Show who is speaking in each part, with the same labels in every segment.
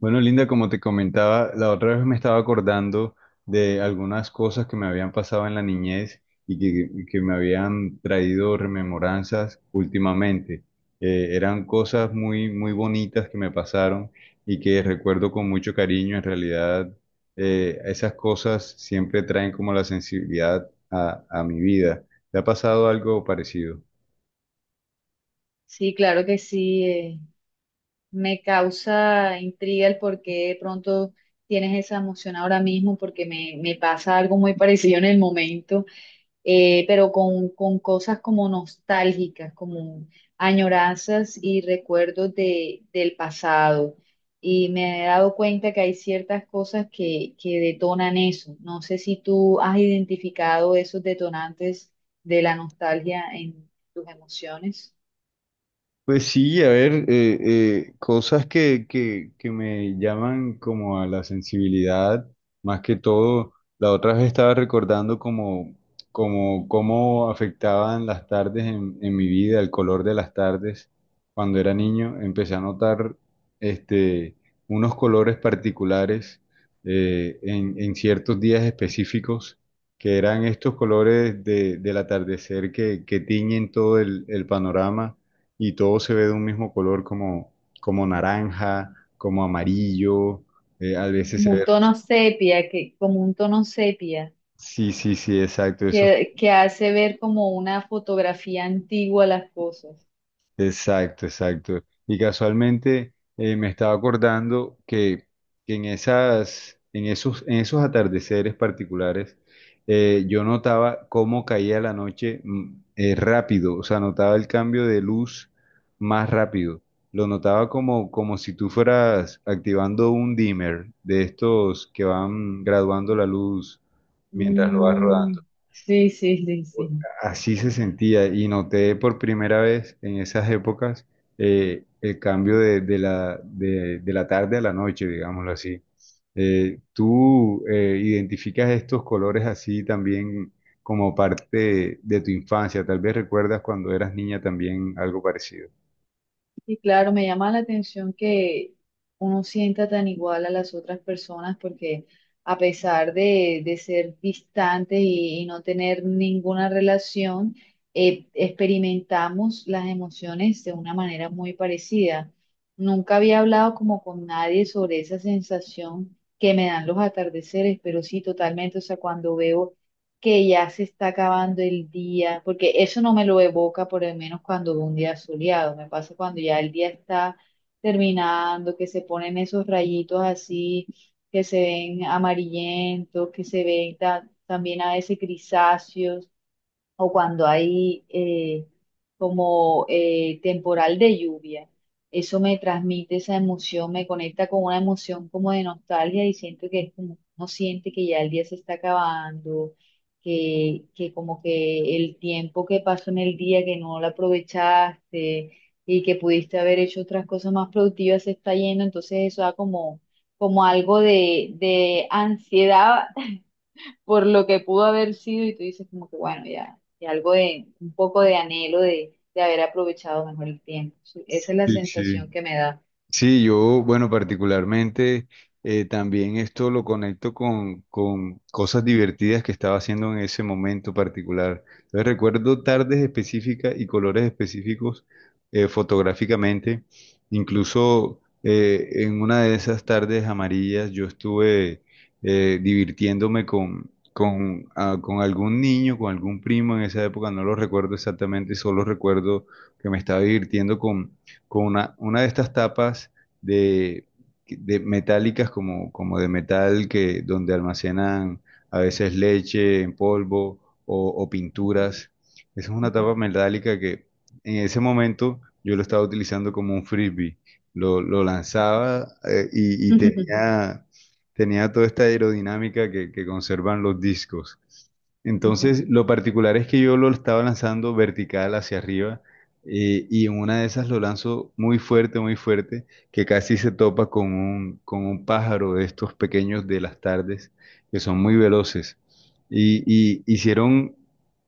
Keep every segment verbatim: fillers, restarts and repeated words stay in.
Speaker 1: Bueno, Linda, como te comentaba, la otra vez me estaba acordando de algunas cosas que me habían pasado en la niñez y que, y que me habían traído rememoranzas últimamente. Eh, eran cosas muy, muy bonitas que me pasaron y que recuerdo con mucho cariño. En realidad, eh, esas cosas siempre traen como la sensibilidad a, a mi vida. ¿Te ha pasado algo parecido?
Speaker 2: Sí, claro que sí. Eh, me causa intriga el por qué de pronto tienes esa emoción ahora mismo, porque me, me pasa algo muy parecido en el momento, eh, pero con, con cosas como nostálgicas, como añoranzas y recuerdos de, del pasado. Y me he dado cuenta que hay ciertas cosas que, que detonan eso. No sé si tú has identificado esos detonantes de la nostalgia en tus emociones.
Speaker 1: Pues sí, a ver, eh, eh, cosas que, que, que me llaman como a la sensibilidad, más que todo, la otra vez estaba recordando como, como cómo afectaban las tardes en, en mi vida, el color de las tardes. Cuando era niño empecé a notar este, unos colores particulares eh, en, en ciertos días específicos, que eran estos colores de, del atardecer que, que tiñen todo el el panorama y todo se ve de un mismo color como, como naranja, como amarillo, eh, a veces se
Speaker 2: Como un
Speaker 1: ve...
Speaker 2: tono
Speaker 1: ros-
Speaker 2: sepia, que, como un tono sepia,
Speaker 1: Sí, sí, sí, exacto. Esos.
Speaker 2: que, que hace ver como una fotografía antigua las cosas.
Speaker 1: Exacto, exacto. Y casualmente eh, me estaba acordando que, que en esas, en esos, en esos atardeceres particulares, eh, yo notaba cómo caía la noche, mm, eh, rápido, o sea, notaba el cambio de luz más rápido. Lo notaba como, como si tú fueras activando un dimmer de estos que van graduando la luz mientras lo vas
Speaker 2: Mm,
Speaker 1: rodando.
Speaker 2: sí, sí, sí, sí.
Speaker 1: Así se sentía y noté por primera vez en esas épocas eh, el cambio de, de la, de, de la tarde a la noche, digámoslo así. Eh, ¿tú eh, identificas estos colores así también como parte de tu infancia? Tal vez recuerdas cuando eras niña también algo parecido.
Speaker 2: Y claro, me llama la atención que uno sienta tan igual a las otras personas porque a pesar de, de ser distantes y, y no tener ninguna relación, eh, experimentamos las emociones de una manera muy parecida. Nunca había hablado como con nadie sobre esa sensación que me dan los atardeceres, pero sí totalmente, o sea, cuando veo que ya se está acabando el día, porque eso no me lo evoca por lo menos cuando veo un día soleado, me pasa cuando ya el día está terminando, que se ponen esos rayitos así, que se ven amarillentos, que se ven ta- también a veces grisáceos o cuando hay eh, como eh, temporal de lluvia. Eso me transmite esa emoción, me conecta con una emoción como de nostalgia y siento que es como, uno siente que ya el día se está acabando, que, que como que el tiempo que pasó en el día que no lo aprovechaste y que pudiste haber hecho otras cosas más productivas se está yendo, entonces eso da como, como algo de, de ansiedad por lo que pudo haber sido y tú dices como que bueno, ya, ya algo de, un poco de anhelo de, de haber aprovechado mejor el tiempo. Sí, esa es la
Speaker 1: Sí,
Speaker 2: sensación
Speaker 1: sí.
Speaker 2: que me da.
Speaker 1: Sí, yo, bueno, particularmente, eh, también esto lo conecto con, con cosas divertidas que estaba haciendo en ese momento particular. Entonces, recuerdo tardes específicas y colores específicos eh, fotográficamente. Incluso eh, en una de esas tardes amarillas yo estuve eh, divirtiéndome con, con, ah, con algún niño, con algún primo en esa época, no lo recuerdo exactamente, solo recuerdo que me estaba divirtiendo con con una, una de estas tapas de, de metálicas como, como de metal que donde almacenan a veces leche en polvo o, o
Speaker 2: Ujú.
Speaker 1: pinturas. Esa es una
Speaker 2: Ujú,
Speaker 1: tapa metálica que en ese momento yo lo estaba utilizando como un frisbee. Lo, lo lanzaba, eh, y, y tenía, tenía toda esta aerodinámica que, que conservan los discos.
Speaker 2: ujú,
Speaker 1: Entonces, lo particular es que yo lo estaba lanzando vertical hacia arriba, eh, y en una de esas lo lanzo muy fuerte, muy fuerte, que casi se topa con un, con un pájaro de estos pequeños de las tardes, que son muy veloces. Y, y hicieron,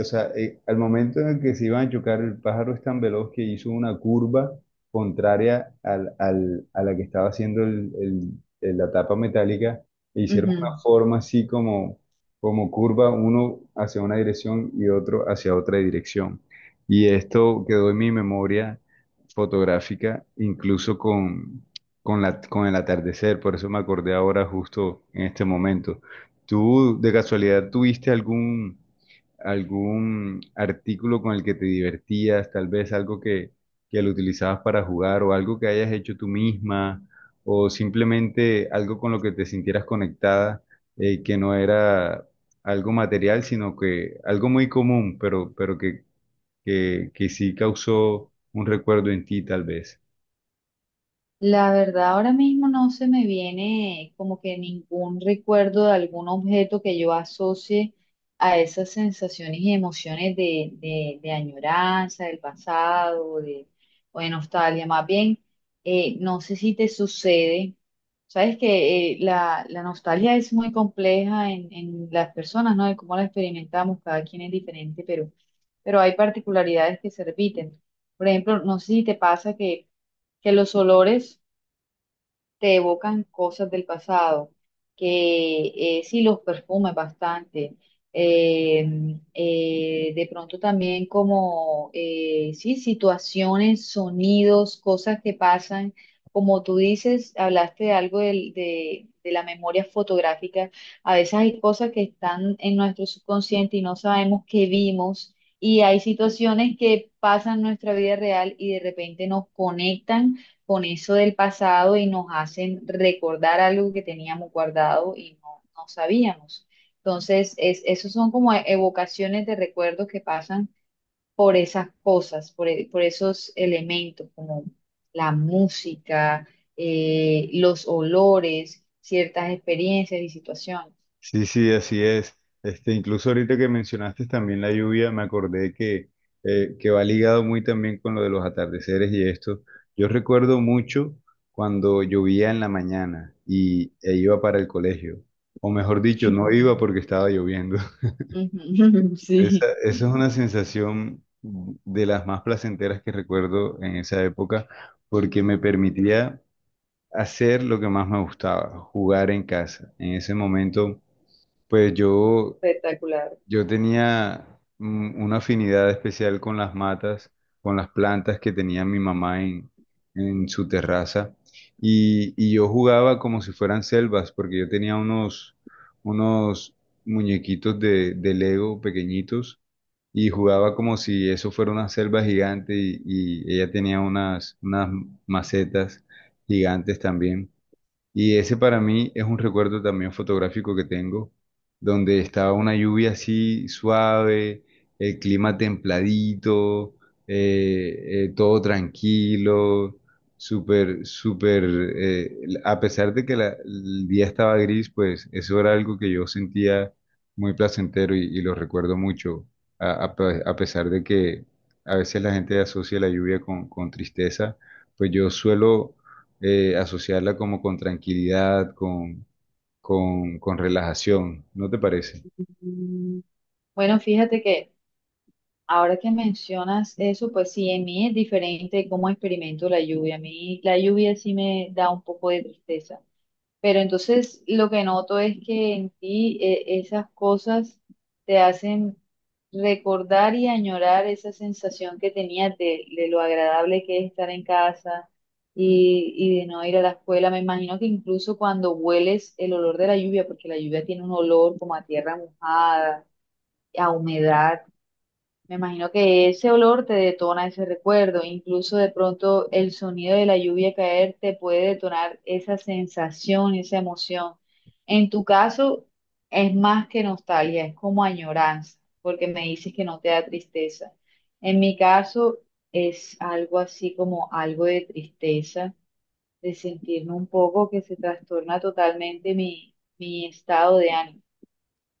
Speaker 1: o sea, eh, Al momento en el que se iban a chocar, el pájaro es tan veloz que hizo una curva contraria al- al- a la que estaba haciendo el- el- el- la tapa metálica, e hicieron una
Speaker 2: ujú.
Speaker 1: forma así como, como curva, uno hacia una dirección y otro hacia otra dirección. Y esto quedó en mi memoria fotográfica, incluso con, con la, con el atardecer, por eso me acordé ahora justo en este momento. ¿Tú de casualidad tuviste algún, algún artículo con el que te divertías, tal vez algo que, que lo utilizabas para jugar o algo que hayas hecho tú misma o simplemente algo con lo que te sintieras conectada, eh, que no era algo material, sino que algo muy común, pero, pero que que, que sí causó un recuerdo en ti, tal vez.
Speaker 2: La verdad, ahora mismo no se me viene como que ningún recuerdo de algún objeto que yo asocie a esas sensaciones y emociones de, de, de añoranza, del pasado, de, o de nostalgia. Más bien, eh, no sé si te sucede, sabes que eh, la, la nostalgia es muy compleja en, en las personas, ¿no? De cómo la experimentamos, cada quien es diferente, pero, pero hay particularidades que se repiten. Por ejemplo, no sé si te pasa que, que los olores te evocan cosas del pasado, que eh, sí los perfumes bastante. eh, eh, de pronto también como, eh, sí, situaciones, sonidos, cosas que pasan. Como tú dices, hablaste de algo del- de, de la memoria fotográfica. A veces hay cosas que están en nuestro subconsciente y no sabemos que vimos. Y hay situaciones que pasan en nuestra vida real y de repente nos conectan con eso del pasado y nos hacen recordar algo que teníamos guardado y no, no sabíamos. Entonces, es, esos son como evocaciones de recuerdos que pasan por esas cosas, por, e- por esos elementos, como la música, eh, los olores, ciertas experiencias y situaciones.
Speaker 1: Sí, sí, así es. Este, incluso ahorita que mencionaste también la lluvia, me acordé que, eh, que va ligado muy también con lo de los atardeceres y esto. Yo recuerdo mucho cuando llovía en la mañana y e iba para el colegio. O mejor dicho, no iba porque estaba lloviendo.
Speaker 2: Ujú,
Speaker 1: Esa,
Speaker 2: sí,
Speaker 1: esa es una sensación de las más placenteras que recuerdo en esa época porque me permitía hacer lo que más me gustaba, jugar en casa. En ese momento, pues yo,
Speaker 2: espectacular.
Speaker 1: yo tenía, mm, una afinidad especial con las matas, con las plantas que tenía mi mamá en, en su terraza. Y, y yo jugaba como si fueran selvas, porque yo tenía unos, unos muñequitos de, de Lego pequeñitos y jugaba como si eso fuera una selva gigante y, y ella tenía unas, unas macetas gigantes también. Y ese para mí es un recuerdo también fotográfico que tengo, donde estaba una lluvia así suave, el clima templadito, eh, eh, todo tranquilo, súper, súper, eh, a pesar de que la- el día estaba gris, pues eso era algo que yo sentía muy placentero y, y lo recuerdo mucho, a, a pe- a pesar de que a veces la gente asocia la lluvia con, con tristeza, pues yo suelo eh, asociarla como con tranquilidad, con, con, con relajación, ¿no te parece?
Speaker 2: Mm, bueno, fíjate que ahora que mencionas eso, pues sí, en mí es diferente cómo experimento la lluvia. A mí la lluvia sí me da un poco de tristeza, pero entonces lo que noto es que en ti eh, esas cosas te hacen recordar y añorar esa sensación que tenías de, de lo agradable que es estar en casa y, y de no ir a la escuela. Me imagino que incluso cuando hueles el olor de la lluvia, porque la lluvia tiene un olor como a tierra mojada, a humedad, me imagino que ese olor te detona ese recuerdo, incluso de pronto el sonido de la lluvia caer te puede detonar esa sensación, esa emoción. En tu caso es más que nostalgia, es como añoranza, porque me dices que no te da tristeza. En mi caso es algo así como algo de tristeza, de sentirme un poco que se trastorna totalmente mi, mi estado de ánimo,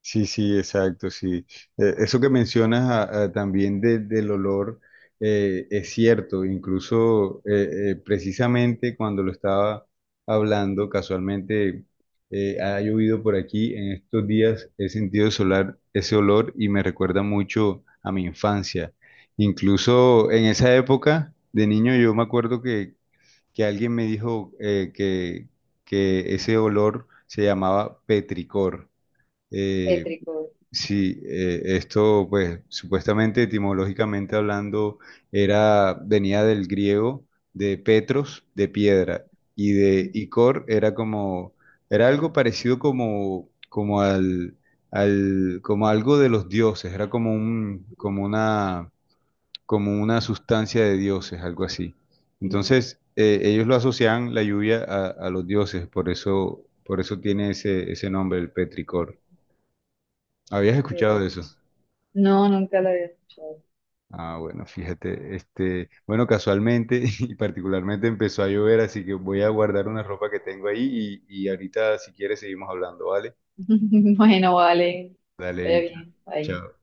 Speaker 1: Sí, sí, exacto, sí. Eh, eso que mencionas, ah, ah, también de- del olor, eh, es cierto, incluso eh, eh, precisamente cuando lo estaba hablando, casualmente eh, ha llovido por aquí, en estos días he sentido solar, ese olor y me recuerda mucho a mi infancia. Incluso en esa época de niño yo me acuerdo que que alguien me dijo, eh, que, que ese olor se llamaba petricor. Eh,
Speaker 2: tétrico.
Speaker 1: sí, eh, esto pues supuestamente etimológicamente hablando era, venía del griego, de petros, de piedra, y de icor, era como, era algo parecido como, como al, al, como algo de los dioses, era como un, como una, como una sustancia de dioses, algo así. Entonces, eh, ellos lo asocian la lluvia a, a los dioses, por eso, por eso tiene ese, ese nombre, el petricor. ¿Habías
Speaker 2: Eh,
Speaker 1: escuchado de eso?
Speaker 2: No, nunca la había escuchado.
Speaker 1: Ah, bueno, fíjate, este, bueno, casualmente y particularmente empezó a llover, así que voy a guardar una ropa que tengo ahí y, y ahorita si quieres seguimos hablando, ¿vale?
Speaker 2: Bueno, vale. Está
Speaker 1: Dale,
Speaker 2: bien. Ahí.
Speaker 1: chao.